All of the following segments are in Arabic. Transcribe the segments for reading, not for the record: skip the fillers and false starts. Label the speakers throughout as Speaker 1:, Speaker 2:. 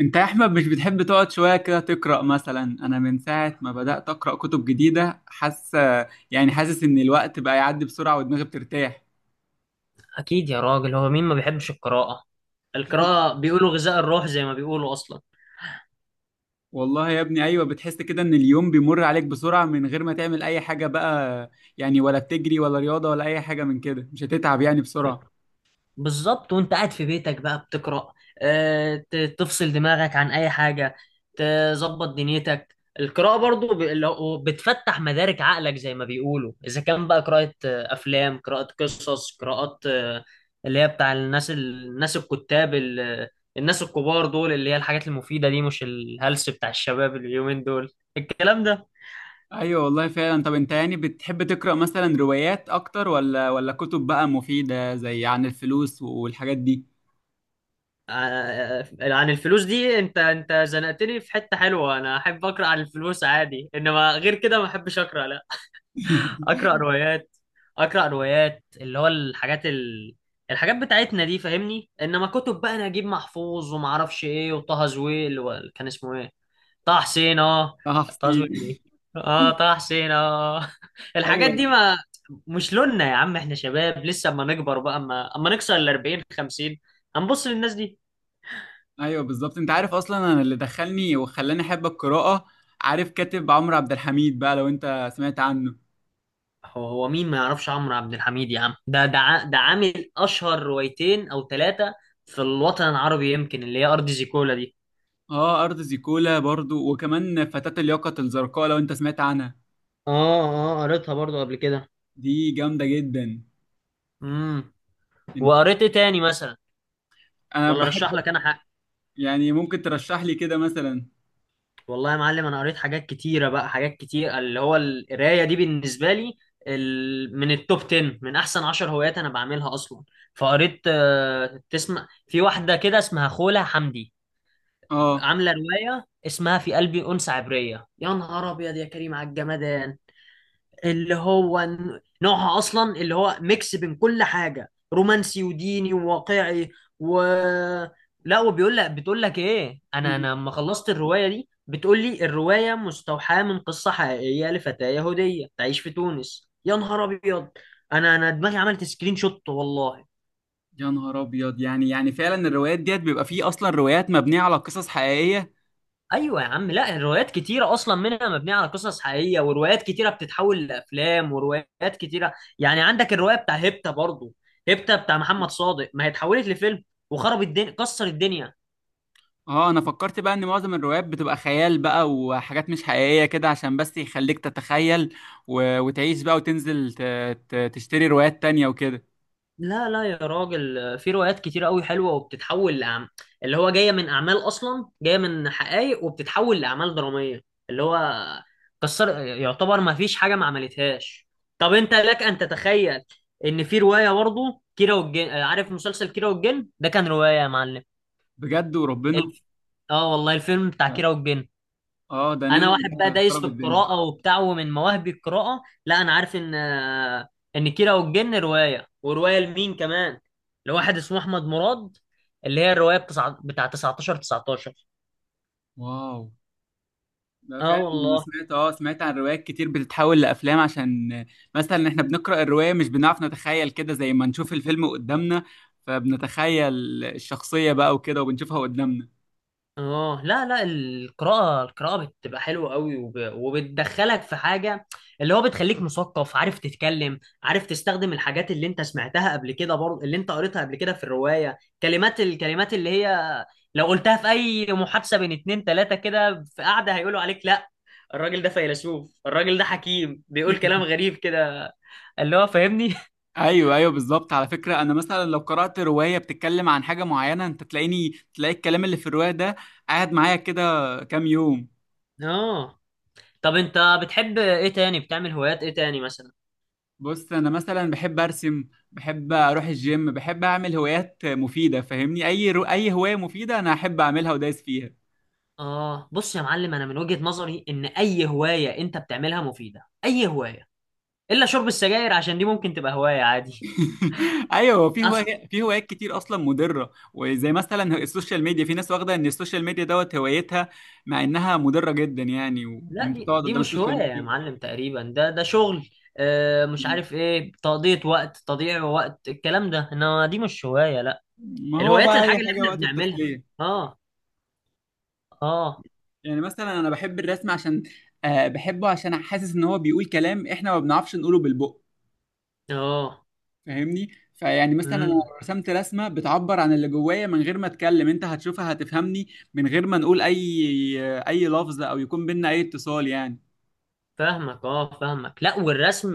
Speaker 1: انت يا احمد مش بتحب تقعد شويه كده تقرا؟ مثلا انا من ساعه ما بدات اقرا كتب جديده، حاسس ان الوقت بقى يعدي بسرعه ودماغي بترتاح.
Speaker 2: أكيد يا راجل، هو مين ما بيحبش القراءة؟ القراءة بيقولوا غذاء الروح زي ما بيقولوا أصلا.
Speaker 1: والله يا ابني، ايوه، بتحس كده ان اليوم بيمر عليك بسرعه من غير ما تعمل اي حاجه بقى. يعني ولا بتجري ولا رياضه ولا اي حاجه من كده، مش هتتعب يعني بسرعه.
Speaker 2: بالظبط، وأنت قاعد في بيتك بقى بتقرأ. تفصل دماغك عن أي حاجة، تظبط دنيتك. القراءة برضو بتفتح مدارك عقلك زي ما بيقولوا، إذا كان بقى قراءة أفلام، قراءة قصص، قراءات. اللي هي بتاع الناس الكتاب، الناس الكبار دول، اللي هي الحاجات المفيدة دي، مش الهلس بتاع الشباب اليومين دول، الكلام ده.
Speaker 1: ايوه والله فعلا. طب انت يعني بتحب تقرا مثلا روايات اكتر ولا كتب بقى مفيده، زي عن الفلوس والحاجات دي؟
Speaker 2: آه، آه، عن الفلوس دي، انت زنقتني في حتة حلوة. انا احب اقرا عن الفلوس عادي، انما غير كده ما احبش اقرا، لا. اقرا روايات، اقرا روايات، اللي هو الحاجات بتاعتنا دي، فاهمني، انما كتب بقى نجيب محفوظ وما اعرفش ايه وطه زويل كان اسمه ايه؟ طه حسين، اه.
Speaker 1: اه
Speaker 2: طه
Speaker 1: حسين.
Speaker 2: زويل ايه، اه طه حسين اه. الحاجات دي
Speaker 1: ايوه
Speaker 2: ما مش لوننا يا عم، احنا شباب لسه. اما نكبر بقى، اما نكسر ال 40 50، هنبص للناس دي.
Speaker 1: ايوه بالظبط، انت عارف اصلا انا اللي دخلني وخلاني احب القراءه؟ عارف كاتب عمرو عبد الحميد بقى، لو انت سمعت عنه.
Speaker 2: هو مين ما يعرفش عمرو عبد الحميد يا عم؟ ده عامل اشهر روايتين او ثلاثه في الوطن العربي، يمكن اللي هي ارض زيكولا دي.
Speaker 1: اه، ارض زيكولا برضو، وكمان فتاة اليقظة الزرقاء لو انت سمعت عنها.
Speaker 2: اه، اه قريتها برضو قبل كده.
Speaker 1: دي جامده جدا.
Speaker 2: امم
Speaker 1: انت-
Speaker 2: وقريت ايه تاني مثلا؟
Speaker 1: انا
Speaker 2: ولا
Speaker 1: بحب.
Speaker 2: رشح لك انا حاجه؟
Speaker 1: يعني ممكن ترشح لي كده مثلا؟
Speaker 2: والله يا معلم انا قريت حاجات كتيره بقى، حاجات كتير. اللي هو القرايه دي بالنسبه لي من التوب 10، من احسن 10 هوايات انا بعملها اصلا. فقريت، تسمع في واحده كده اسمها خوله حمدي؟
Speaker 1: اه.
Speaker 2: عامله روايه اسمها في قلبي انثى عبريه، يا نهار ابيض يا كريم على الجمدان. اللي هو نوعها اصلا اللي هو ميكس بين كل حاجه، رومانسي وديني وواقعي و لا، وبيقول لك بتقول لك ايه، انا لما خلصت الروايه دي بتقول لي الروايه مستوحاه من قصه حقيقيه لفتاه يهوديه تعيش في تونس. يا نهار ابيض، انا دماغي عملت سكرين شوت والله.
Speaker 1: يا نهار ابيض. يعني فعلا الروايات ديت بيبقى فيه اصلا روايات مبنيه على قصص حقيقيه؟
Speaker 2: ايوه يا عم، لا، الروايات كتيره اصلا منها مبنيه على قصص حقيقيه، وروايات كتيره بتتحول لافلام، وروايات كتيره. يعني عندك الروايه بتاع هيبتا برضو، هيبتا بتاع محمد صادق، ما هي اتحولت لفيلم وخرب الدنيا، كسر الدنيا.
Speaker 1: اه، انا فكرت بقى ان معظم الروايات بتبقى خيال بقى وحاجات مش حقيقية كده، عشان بس يخليك تتخيل وتعيش بقى، وتنزل تشتري روايات تانية وكده.
Speaker 2: لا لا يا راجل، في روايات كتير قوي حلوه وبتتحول اللي هو جايه من اعمال، اصلا جايه من حقائق وبتتحول لاعمال دراميه. اللي هو كسر يعتبر ما فيش حاجه ما عملتهاش. طب انت لك ان تتخيل ان في روايه برضه كيرة والجن، عارف مسلسل كيرة والجن ده كان روايه يا معلم؟
Speaker 1: بجد وربنا؟
Speaker 2: الف... اه والله، الفيلم بتاع كيرة والجن.
Speaker 1: اه، ده
Speaker 2: انا
Speaker 1: نزل، ده
Speaker 2: واحد بقى دايس
Speaker 1: خرب
Speaker 2: في
Speaker 1: الدنيا.
Speaker 2: القراءه وبتاع، ومن مواهبي القراءه، لا انا عارف ان، ان كيرة والجن روايه. وروايه لمين كمان؟ لواحد اسمه احمد مراد. اللي هي الروايه بتاع 19 19.
Speaker 1: واو. ده
Speaker 2: اه
Speaker 1: فعلا، انا
Speaker 2: والله.
Speaker 1: سمعت عن روايات كتير بتتحول لافلام، عشان مثلا احنا بنقرا الروايه مش بنعرف نتخيل كده زي ما نشوف الفيلم قدامنا، فبنتخيل الشخصيه بقى وكده وبنشوفها قدامنا.
Speaker 2: اه، لا لا، القراءة، القراءة بتبقى حلوة قوي، وبتدخلك في حاجة اللي هو بتخليك مثقف، عارف تتكلم، عارف تستخدم الحاجات اللي انت سمعتها قبل كده برضه، اللي انت قريتها قبل كده في الرواية، كلمات، الكلمات اللي هي لو قلتها في اي محادثة بين اتنين تلاتة كده في قعدة، هيقولوا عليك لا، الراجل ده فيلسوف، الراجل ده حكيم، بيقول كلام غريب كده، اللي هو فاهمني.
Speaker 1: ايوه ايوه بالظبط. على فكره، انا مثلا لو قرات روايه بتتكلم عن حاجه معينه، انت تلاقيني تلاقي الكلام اللي في الروايه ده قاعد معايا كده كام يوم.
Speaker 2: اه، طب انت بتحب ايه تاني؟ بتعمل هوايات ايه تاني مثلا؟
Speaker 1: بص، انا مثلا بحب ارسم، بحب اروح الجيم، بحب اعمل هوايات مفيده، فاهمني؟ اي هوايه مفيده انا احب اعملها ودايس فيها.
Speaker 2: اه، بص يا معلم، انا من وجهة نظري ان اي هواية انت بتعملها مفيدة، اي هواية، الا شرب السجاير، عشان دي ممكن تبقى هواية عادي.
Speaker 1: ايوه، في
Speaker 2: اصل،
Speaker 1: هوايات في هوايات كتير اصلا مضره، وزي مثلا السوشيال ميديا، في ناس واخده ان السوشيال ميديا دوت هوايتها، مع انها مضره جدا يعني،
Speaker 2: لا،
Speaker 1: وانت
Speaker 2: دي
Speaker 1: تقعد
Speaker 2: دي
Speaker 1: قدام
Speaker 2: مش هواية
Speaker 1: السوشيال
Speaker 2: يا
Speaker 1: ميديا.
Speaker 2: معلم، تقريبا ده شغل. مش عارف ايه، تقضية وقت، تضييع وقت، الكلام ده، انما دي مش هواية، لا.
Speaker 1: ما هو
Speaker 2: الهوايات
Speaker 1: بقى
Speaker 2: الحاجة
Speaker 1: اي
Speaker 2: اللي
Speaker 1: حاجه
Speaker 2: احنا
Speaker 1: وقت
Speaker 2: بنعملها.
Speaker 1: التسليه.
Speaker 2: اه، اه،
Speaker 1: يعني مثلا انا بحب الرسم، عشان بحبه عشان حاسس ان هو بيقول كلام احنا ما بنعرفش نقوله بالبق،
Speaker 2: اه.
Speaker 1: فاهمني؟ فيعني مثلا انا لو
Speaker 2: مم.
Speaker 1: رسمت رسمه بتعبر عن اللي جوايا من غير ما اتكلم، انت هتشوفها هتفهمني من غير ما نقول اي لفظ، او يكون بينا اي اتصال يعني.
Speaker 2: فاهمك، اه فاهمك، لا، والرسم،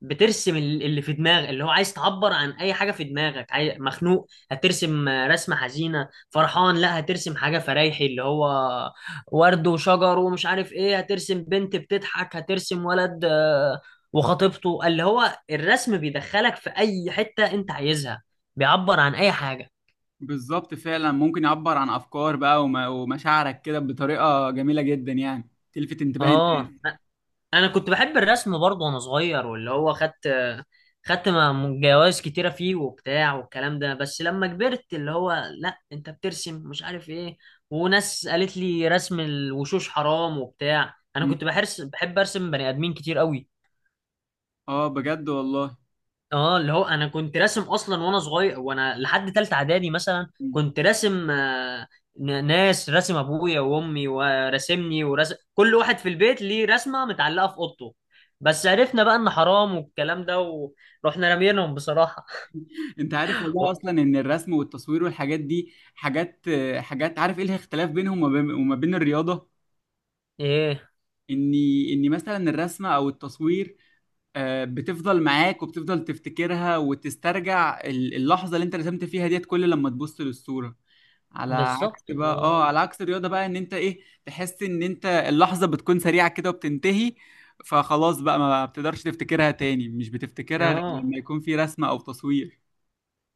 Speaker 2: بترسم اللي في دماغك، اللي هو عايز تعبر عن اي حاجه في دماغك. مخنوق، هترسم رسمه حزينه. فرحان، لا، هترسم حاجه فرايحي اللي هو ورد وشجر ومش عارف ايه. هترسم بنت بتضحك، هترسم ولد وخطيبته. اللي هو الرسم بيدخلك في اي حته انت عايزها، بيعبر عن اي حاجه.
Speaker 1: بالظبط، فعلا ممكن يعبر عن افكار بقى ومشاعرك كده بطريقه جميله جدا يعني، تلفت انتباه
Speaker 2: اه،
Speaker 1: الناس.
Speaker 2: انا كنت بحب الرسم برضه وانا صغير، واللي هو جوائز كتيره فيه وبتاع والكلام ده. بس لما كبرت، اللي هو لا انت بترسم مش عارف ايه، وناس قالت لي رسم الوشوش حرام وبتاع، انا
Speaker 1: م.
Speaker 2: كنت بحرس بحب ارسم بني ادمين كتير قوي.
Speaker 1: اه بجد والله.
Speaker 2: اه، اللي هو انا كنت راسم اصلا وانا صغير، وانا لحد تالتة اعدادي مثلا كنت راسم، ناس، راسم ابويا وامي وراسمني، وراسم كل واحد في البيت ليه رسمة متعلقة في اوضته. بس عرفنا بقى ان حرام والكلام ده، ورحنا رامينهم بصراحة.
Speaker 1: انت عارف والله
Speaker 2: و...
Speaker 1: اصلا ان الرسم والتصوير والحاجات دي حاجات عارف ايه الاختلاف بينهم، وما بين الرياضه؟
Speaker 2: ايه
Speaker 1: اني مثلا الرسمه او التصوير، بتفضل معاك وبتفضل تفتكرها وتسترجع اللحظه اللي انت رسمت فيها ديت كل لما تبص للصوره، على عكس
Speaker 2: بالظبط.
Speaker 1: بقى
Speaker 2: اه،
Speaker 1: اه على عكس الرياضه بقى، ان انت ايه، تحس ان انت اللحظه بتكون سريعه كده وبتنتهي، فخلاص بقى ما بتقدرش تفتكرها تاني، مش بتفتكرها غير
Speaker 2: اه،
Speaker 1: لما يكون في رسمه او تصوير.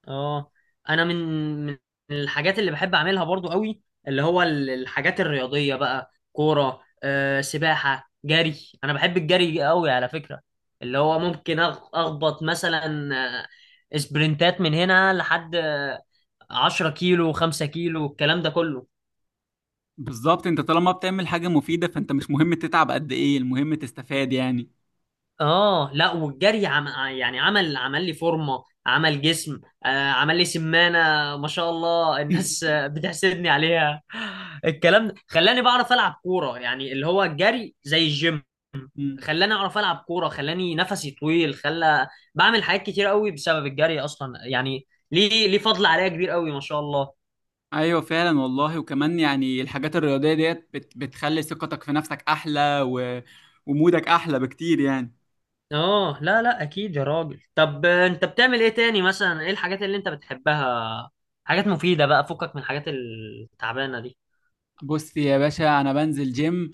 Speaker 2: اه، انا من من الحاجات اللي بحب اعملها برضو قوي اللي هو الحاجات الرياضيه بقى، كوره، سباحه، جري. انا بحب الجري قوي على فكره، اللي هو ممكن اخبط مثلا سبرنتات من هنا لحد، 10 كيلو، 5 كيلو، الكلام ده كله.
Speaker 1: بالظبط، انت طالما بتعمل حاجة مفيدة، فانت مش مهم تتعب قد ايه، المهم تستفاد يعني.
Speaker 2: اه، لا، والجري يعني عمل، عمل لي فورمه، عمل جسم، عمل لي سمانه ما شاء الله، الناس بتحسدني عليها. الكلام ده خلاني بعرف العب كوره يعني، اللي هو الجري زي الجيم،
Speaker 1: مم.
Speaker 2: خلاني اعرف العب كوره، خلاني نفسي طويل، خلى بعمل حاجات كتير قوي بسبب الجري اصلا يعني، ليه فضل عليا كبير قوي ما شاء الله.
Speaker 1: ايوه فعلا والله، وكمان يعني الحاجات الرياضية ديت، بتخلي ثقتك في نفسك احلى، ومودك احلى بكتير يعني.
Speaker 2: اه، لا لا اكيد يا راجل. طب انت بتعمل ايه تاني مثلا؟ ايه الحاجات اللي انت بتحبها، حاجات مفيدة بقى فكك من الحاجات التعبانة دي.
Speaker 1: بص يا باشا، انا بنزل جيم،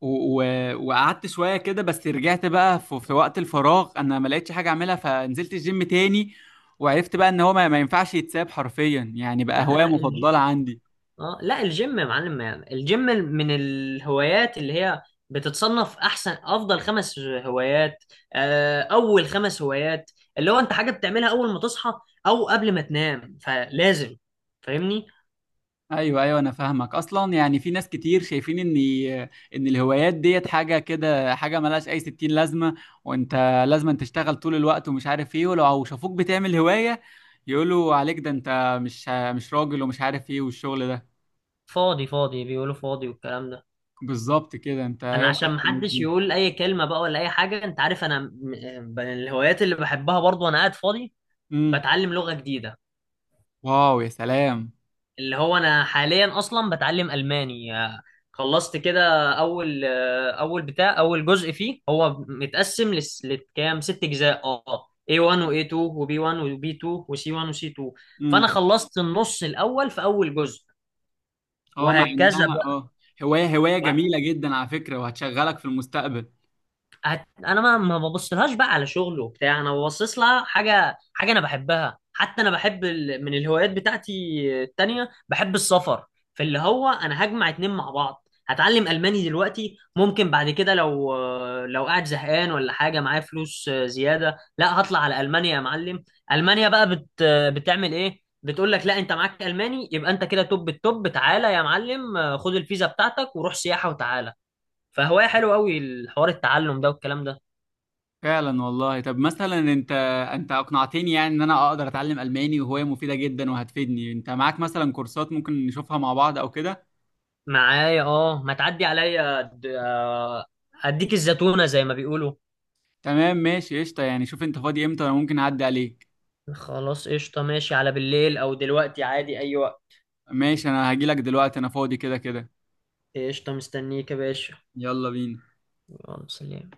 Speaker 1: و... و... وقعدت شوية كده، بس رجعت بقى في وقت الفراغ انا ما لقيتش حاجة اعملها، فنزلت الجيم تاني، وعرفت بقى ان هو ما ينفعش يتساب، حرفيا يعني
Speaker 2: لا
Speaker 1: بقى هواية
Speaker 2: لا، الجيم.
Speaker 1: مفضلة عندي.
Speaker 2: اه، لا الجيم يا معلم، يعني الجيم من الهوايات اللي هي بتتصنف احسن افضل خمس هوايات، اول خمس هوايات، اللي هو انت حاجه بتعملها اول ما تصحى او قبل ما تنام، فلازم، فاهمني.
Speaker 1: ايوه ايوه انا فاهمك اصلا. يعني في ناس كتير شايفين ان الهوايات ديت حاجه كده، حاجه ملهاش اي ستين لازمه، وانت لازم أن تشتغل طول الوقت ومش عارف ايه، ولو شافوك بتعمل هوايه يقولوا عليك ده انت مش راجل ومش عارف ايه والشغل ده.
Speaker 2: فاضي فاضي بيقولوا، فاضي والكلام ده.
Speaker 1: بالظبط كده. انت ايه
Speaker 2: انا عشان
Speaker 1: رايك في الناس
Speaker 2: محدش
Speaker 1: دي؟
Speaker 2: يقول اي كلمه بقى ولا اي حاجه، انت عارف انا من الهوايات اللي بحبها برضو وانا قاعد فاضي،
Speaker 1: امم.
Speaker 2: بتعلم لغه جديده.
Speaker 1: واو يا سلام.
Speaker 2: اللي هو انا حاليا اصلا بتعلم الماني، خلصت كده اول، اول بتاع اول جزء فيه. هو متقسم لكام ست اجزاء، اه A1 و A2 وB1 وB2 وC1 وC2. فانا
Speaker 1: امم.
Speaker 2: خلصت النص الاول في اول جزء،
Speaker 1: اه. مع
Speaker 2: وهكذا
Speaker 1: انها
Speaker 2: بقى.
Speaker 1: هوايه جميله جدا على فكره، وهتشغلك في المستقبل.
Speaker 2: انا ما ببصلهاش بقى على شغل وبتاع، انا ببصص لها حاجه، حاجه انا بحبها. حتى انا بحب من الهوايات بتاعتي التانية بحب السفر في، اللي هو انا هجمع اتنين مع بعض، هتعلم الماني دلوقتي، ممكن بعد كده لو قاعد زهقان ولا حاجه معايا فلوس زياده، لا هطلع على المانيا يا معلم. المانيا بقى بتعمل ايه، بتقول لك لا انت معاك الماني يبقى انت كده توب التوب، تعالى يا معلم، خد الفيزا بتاعتك وروح سياحه وتعالى. فهواية حلو قوي الحوار، التعلم ده والكلام ده.
Speaker 1: فعلا والله. طب مثلا انت اقنعتني يعني ان انا اقدر اتعلم الماني، وهواية مفيدة جدا وهتفيدني. انت معاك مثلا كورسات ممكن نشوفها مع بعض او كده؟
Speaker 2: معايا، اه، ما تعدي عليا اديك الزتونة زي ما بيقولوا.
Speaker 1: تمام، ماشي، قشطة يعني. شوف انت فاضي امتى انا ممكن اعدي عليك؟
Speaker 2: خلاص قشطة، ماشي، على بالليل او دلوقتي عادي، اي وقت.
Speaker 1: ماشي، انا هجيلك دلوقتي انا فاضي كده كده.
Speaker 2: قشطة، مستنيك يا باشا.
Speaker 1: يلا بينا.
Speaker 2: يلا سلام.